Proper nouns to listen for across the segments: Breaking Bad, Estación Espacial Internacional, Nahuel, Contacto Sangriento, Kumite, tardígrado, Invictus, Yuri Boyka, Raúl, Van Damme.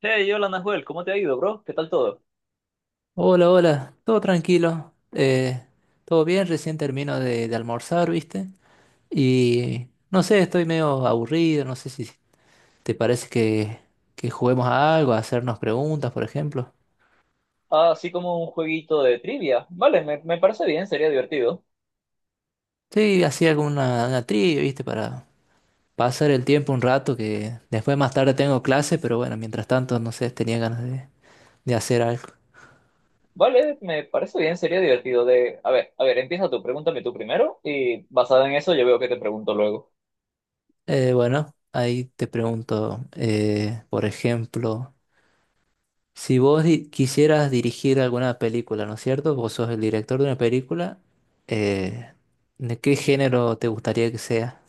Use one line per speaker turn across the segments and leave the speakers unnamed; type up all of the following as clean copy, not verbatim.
Hey, hola Nahuel, ¿cómo te ha ido, bro? ¿Qué tal todo?
Hola, hola, todo tranquilo, todo bien, recién termino de almorzar, ¿viste? Y no sé, estoy medio aburrido, no sé si te parece que juguemos a algo, a hacernos preguntas, por ejemplo.
Ah, así como un jueguito de trivia. Vale, me parece bien, sería divertido.
Sí, así alguna una trivia, ¿viste? Para pasar el tiempo un rato, que después más tarde tengo clase, pero bueno, mientras tanto, no sé, tenía ganas de hacer algo.
Vale, me parece bien, sería divertido de... a ver, empieza tú, pregúntame tú primero y basado en eso yo veo que te pregunto luego.
Bueno, ahí te pregunto, por ejemplo. Si vos quisieras dirigir alguna película, ¿no es cierto? Vos sos el director de una película. Eh, ¿De qué género te gustaría que sea?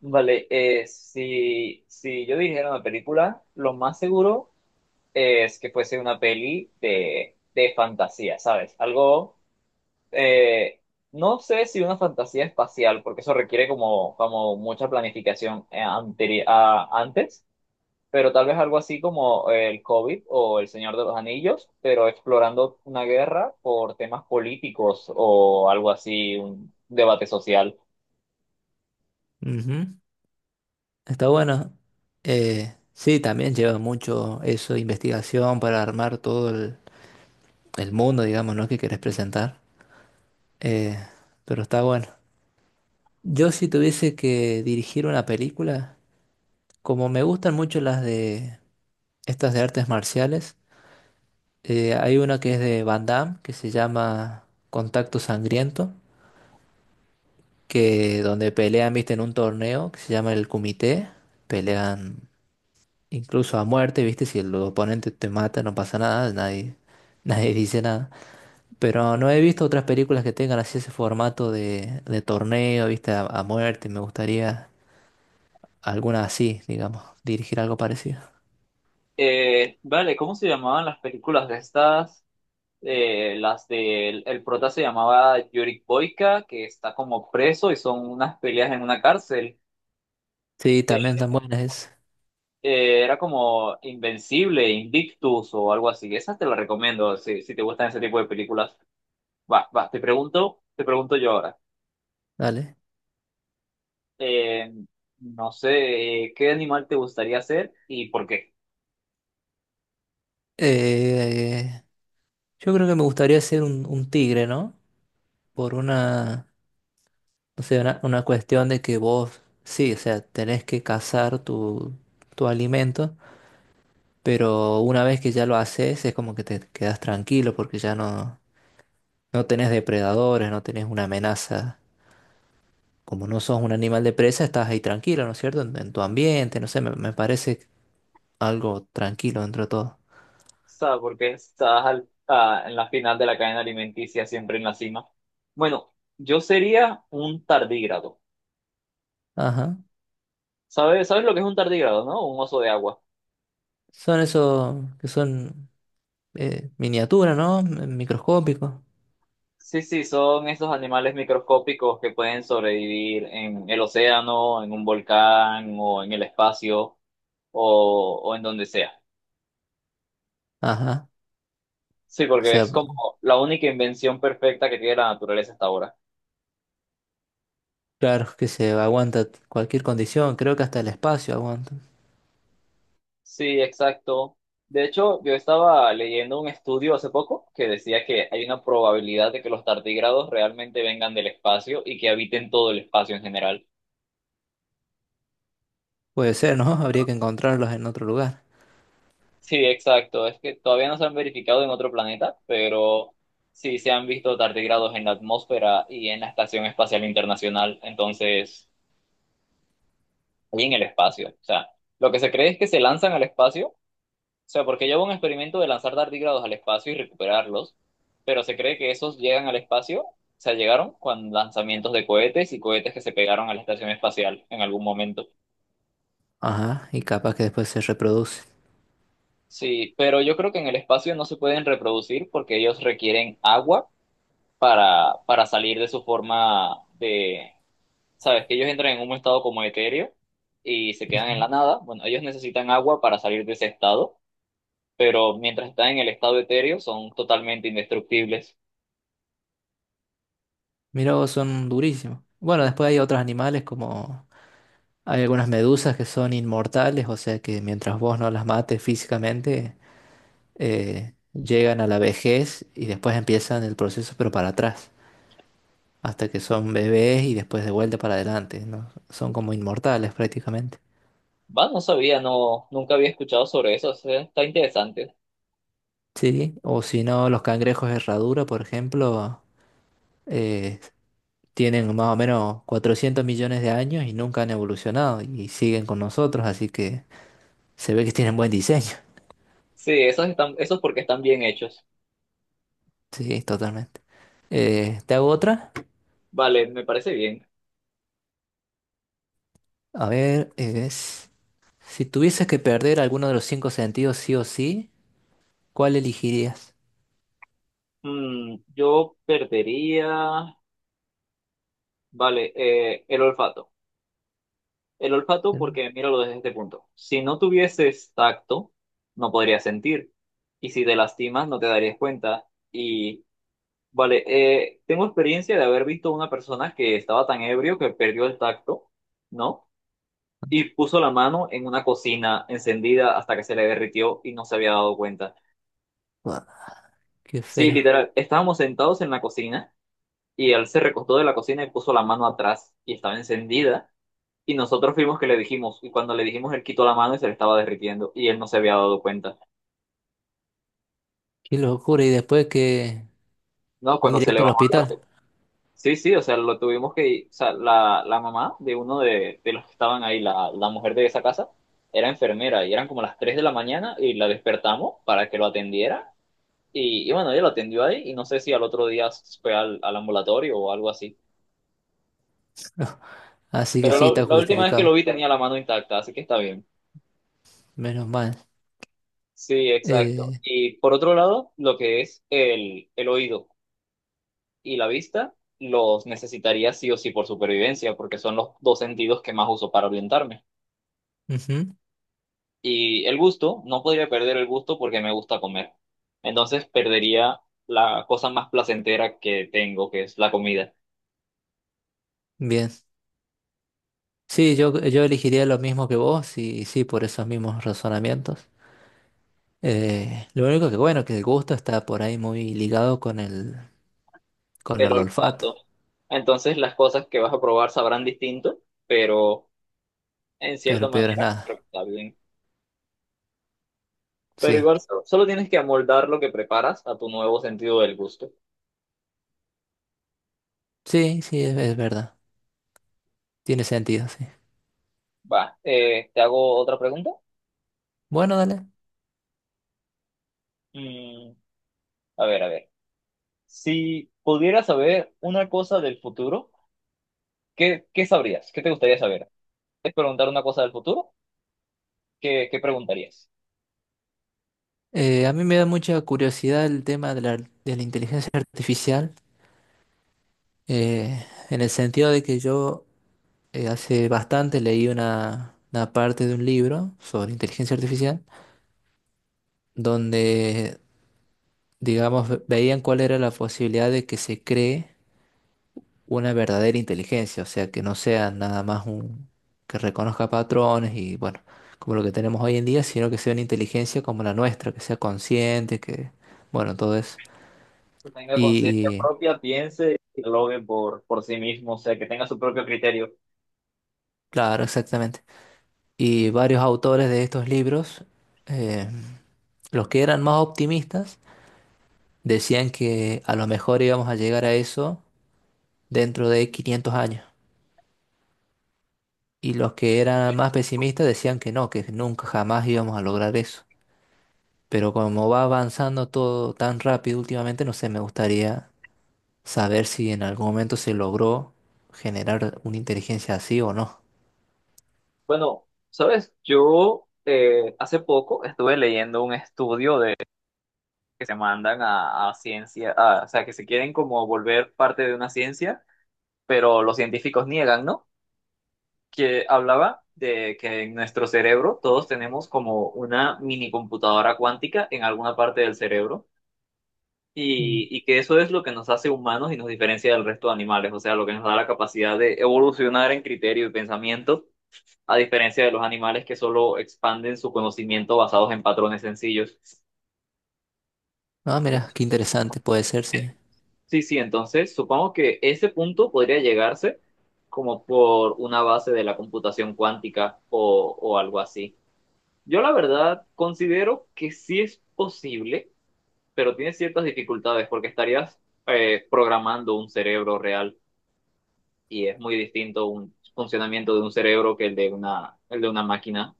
Vale, si yo dijera una película, lo más seguro es que fuese una peli de fantasía, ¿sabes? Algo... eh, no sé si una fantasía espacial, porque eso requiere como mucha planificación, antes. Pero tal vez algo así como el COVID o El Señor de los Anillos, pero explorando una guerra por temas políticos o algo así, un debate social.
Ujú, está bueno. Sí, también lleva mucho eso, investigación para armar todo el mundo, digamos, ¿no? Que querés presentar. Eh, pero está bueno. Yo si tuviese que dirigir una película, como me gustan mucho las de estas de artes marciales, hay una que es de Van Damme, que se llama Contacto Sangriento, que donde pelean, viste, en un torneo que se llama el Kumite, pelean incluso a muerte, viste, si el oponente te mata no pasa nada, nadie, nadie dice nada. Pero no he visto otras películas que tengan así ese formato de torneo, viste, a muerte, me gustaría alguna así, digamos, dirigir algo parecido.
Vale, ¿cómo se llamaban las películas de estas? Las del el prota se llamaba Yuri Boyka, que está como preso y son unas peleas en una cárcel.
Sí, también
Eh,
tan buenas es,
era como Invencible, Invictus o algo así. Esas te las recomiendo si te gustan ese tipo de películas. Va, va, te pregunto yo ahora.
dale.
Eh, no sé, ¿qué animal te gustaría ser y por qué?
Eh, yo creo que me gustaría ser un tigre, ¿no? Por una, no sé, una cuestión de que vos, sí, o sea, tenés que cazar tu alimento, pero una vez que ya lo haces es como que te quedas tranquilo porque ya no tenés depredadores, no tenés una amenaza. Como no sos un animal de presa, estás ahí tranquilo, ¿no es cierto? En tu ambiente, no sé, me parece algo tranquilo dentro de todo.
¿Sabes por qué estás en la final de la cadena alimenticia, siempre en la cima? Bueno, yo sería un tardígrado.
Ajá.
¿Sabes, sabes lo que es un tardígrado, no? Un oso de agua.
Son esos que son miniaturas, ¿no? Microscópicos.
Sí, sí, son esos animales microscópicos que pueden sobrevivir en el océano, en un volcán o en el espacio o en donde sea.
Ajá.
Sí,
O
porque
sea,
es como la única invención perfecta que tiene la naturaleza hasta ahora.
claro, que se aguanta cualquier condición, creo que hasta el espacio aguanta.
Sí, exacto. De hecho, yo estaba leyendo un estudio hace poco que decía que hay una probabilidad de que los tardigrados realmente vengan del espacio y que habiten todo el espacio en general.
Puede ser, ¿no? Habría que encontrarlos en otro lugar.
Sí, exacto. Es que todavía no se han verificado en otro planeta, pero sí se han visto tardigrados en la atmósfera y en la Estación Espacial Internacional, entonces, y en el espacio. O sea, lo que se cree es que se lanzan al espacio. O sea, porque yo hago un experimento de lanzar tardígrados al espacio y recuperarlos, pero se cree que esos llegan al espacio, o sea, llegaron con lanzamientos de cohetes y cohetes que se pegaron a la estación espacial en algún momento.
Ajá, y capaz que después se reproducen.
Sí, pero yo creo que en el espacio no se pueden reproducir porque ellos requieren agua para salir de su forma de, sabes, que ellos entran en un estado como etéreo y se quedan en
Ujú.
la nada. Bueno, ellos necesitan agua para salir de ese estado, pero mientras están en el estado etéreo son totalmente indestructibles.
Mirá vos, son durísimos. Bueno, después hay otros animales como... Hay algunas medusas que son inmortales, o sea que mientras vos no las mates físicamente, llegan a la vejez y después empiezan el proceso, pero para atrás, hasta que son bebés y después de vuelta para adelante, ¿no? Son como inmortales prácticamente.
Va, no sabía, no, nunca había escuchado sobre eso. O sea, está interesante.
Sí, o si no, los cangrejos herradura, por ejemplo, eh, tienen más o menos 400 millones de años y nunca han evolucionado y siguen con nosotros, así que se ve que tienen buen diseño.
Sí, esos están, esos porque están bien hechos.
Sí, totalmente. ¿Te hago otra?
Vale, me parece bien.
A ver, es... Si tuvieses que perder alguno de los cinco sentidos sí o sí, ¿cuál elegirías?
Mm, yo perdería, vale, el olfato. El olfato
Mm.
porque míralo desde este punto. Si no tuvieses tacto, no podrías sentir. Y si te lastimas, no te darías cuenta. Y, vale, tengo experiencia de haber visto a una persona que estaba tan ebrio que perdió el tacto, ¿no? Y puso la mano en una cocina encendida hasta que se le derritió y no se había dado cuenta.
Buah, qué
Sí,
feo,
literal, estábamos sentados en la cocina y él se recostó de la cocina y puso la mano atrás y estaba encendida y nosotros fuimos que le dijimos y cuando le dijimos él quitó la mano y se le estaba derritiendo y él no se había dado cuenta.
qué locura, y después que
No, cuando se le
directo al
bajó la...
hospital.
Sí, sí, o sea, lo tuvimos que... O sea, la mamá de uno de los que estaban ahí, la mujer de esa casa, era enfermera y eran como las 3 de la mañana y la despertamos para que lo atendiera. Y bueno, ella lo atendió ahí y no sé si al otro día fue al ambulatorio o algo así.
Así que
Pero ah,
sí,
la,
está
pues la última vez que lo
justificado,
vi tenía la mano intacta, así que está bien.
menos mal.
Sí, exacto.
Eh,
Y por otro lado, lo que es el oído y la vista, los necesitaría sí o sí por supervivencia, porque son los dos sentidos que más uso para orientarme.
ujú,
Y el gusto, no podría perder el gusto porque me gusta comer. Entonces perdería la cosa más placentera que tengo, que es la comida.
bien. Sí, yo elegiría lo mismo que vos y, sí, por esos mismos razonamientos. Lo único que bueno, que el gusto está por ahí muy ligado con con
Pero
el olfato,
olfato. Entonces las cosas que vas a probar sabrán distinto, pero en cierta
pero peor es
manera
nada.
creo que está bien. Pero
Sí,
igual solo, solo tienes que amoldar lo que preparas a tu nuevo sentido del gusto.
sí, sí, es verdad. Tiene sentido, sí.
Va, ¿te hago otra pregunta?
Bueno, dale.
Mm, a ver, a ver. Si pudieras saber una cosa del futuro, ¿qué, qué sabrías? ¿Qué te gustaría saber? ¿Quieres preguntar una cosa del futuro? ¿Qué, qué preguntarías?
A mí me da mucha curiosidad el tema de de la inteligencia artificial, en el sentido de que yo hace bastante leí una parte de un libro sobre inteligencia artificial. Donde, digamos, veían cuál era la posibilidad de que se cree una verdadera inteligencia, o sea, que no sea nada más un que reconozca patrones y bueno, como lo que tenemos hoy en día, sino que sea una inteligencia como la nuestra, que sea consciente, que bueno, todo eso.
Que tenga conciencia
Y
propia, piense y lo logre por sí mismo, o sea, que tenga su propio criterio.
claro, exactamente. Y varios autores de estos libros, eh, los que eran más optimistas, decían que a lo mejor íbamos a llegar a eso dentro de 500 años. Y los que eran más pesimistas decían que no, que nunca jamás íbamos a lograr eso. Pero como va avanzando todo tan rápido últimamente, no sé, me gustaría saber si en algún momento se logró generar una inteligencia así o no.
Bueno, sabes, yo, hace poco estuve leyendo un estudio de que se mandan a ciencia, a- o sea, que se quieren como volver parte de una ciencia, pero los científicos niegan, ¿no? Que hablaba de que en nuestro cerebro todos tenemos como una mini computadora cuántica en alguna parte del cerebro
Mm.
y que eso es lo que nos hace humanos y nos diferencia del resto de animales, o sea, lo que nos da la capacidad de evolucionar en criterio y pensamiento a diferencia de los animales que solo expanden su conocimiento basados en patrones sencillos.
Ah, mira, qué
Entonces,
interesante puede ser, sí.
sí, sí, entonces supongo que ese punto podría llegarse como por una base de la computación cuántica o algo así. Yo la verdad considero que sí es posible, pero tiene ciertas dificultades porque estarías, programando un cerebro real y es muy distinto un funcionamiento de un cerebro que el de una máquina.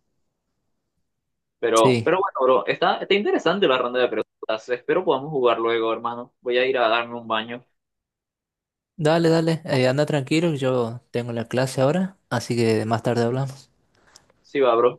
Sí.
Pero bueno, bro, está, está interesante la ronda de preguntas. Espero podamos jugar luego, hermano. Voy a ir a darme un baño.
Dale, dale, anda tranquilo, yo tengo la clase ahora, así que más tarde hablamos.
Sí, va, bro.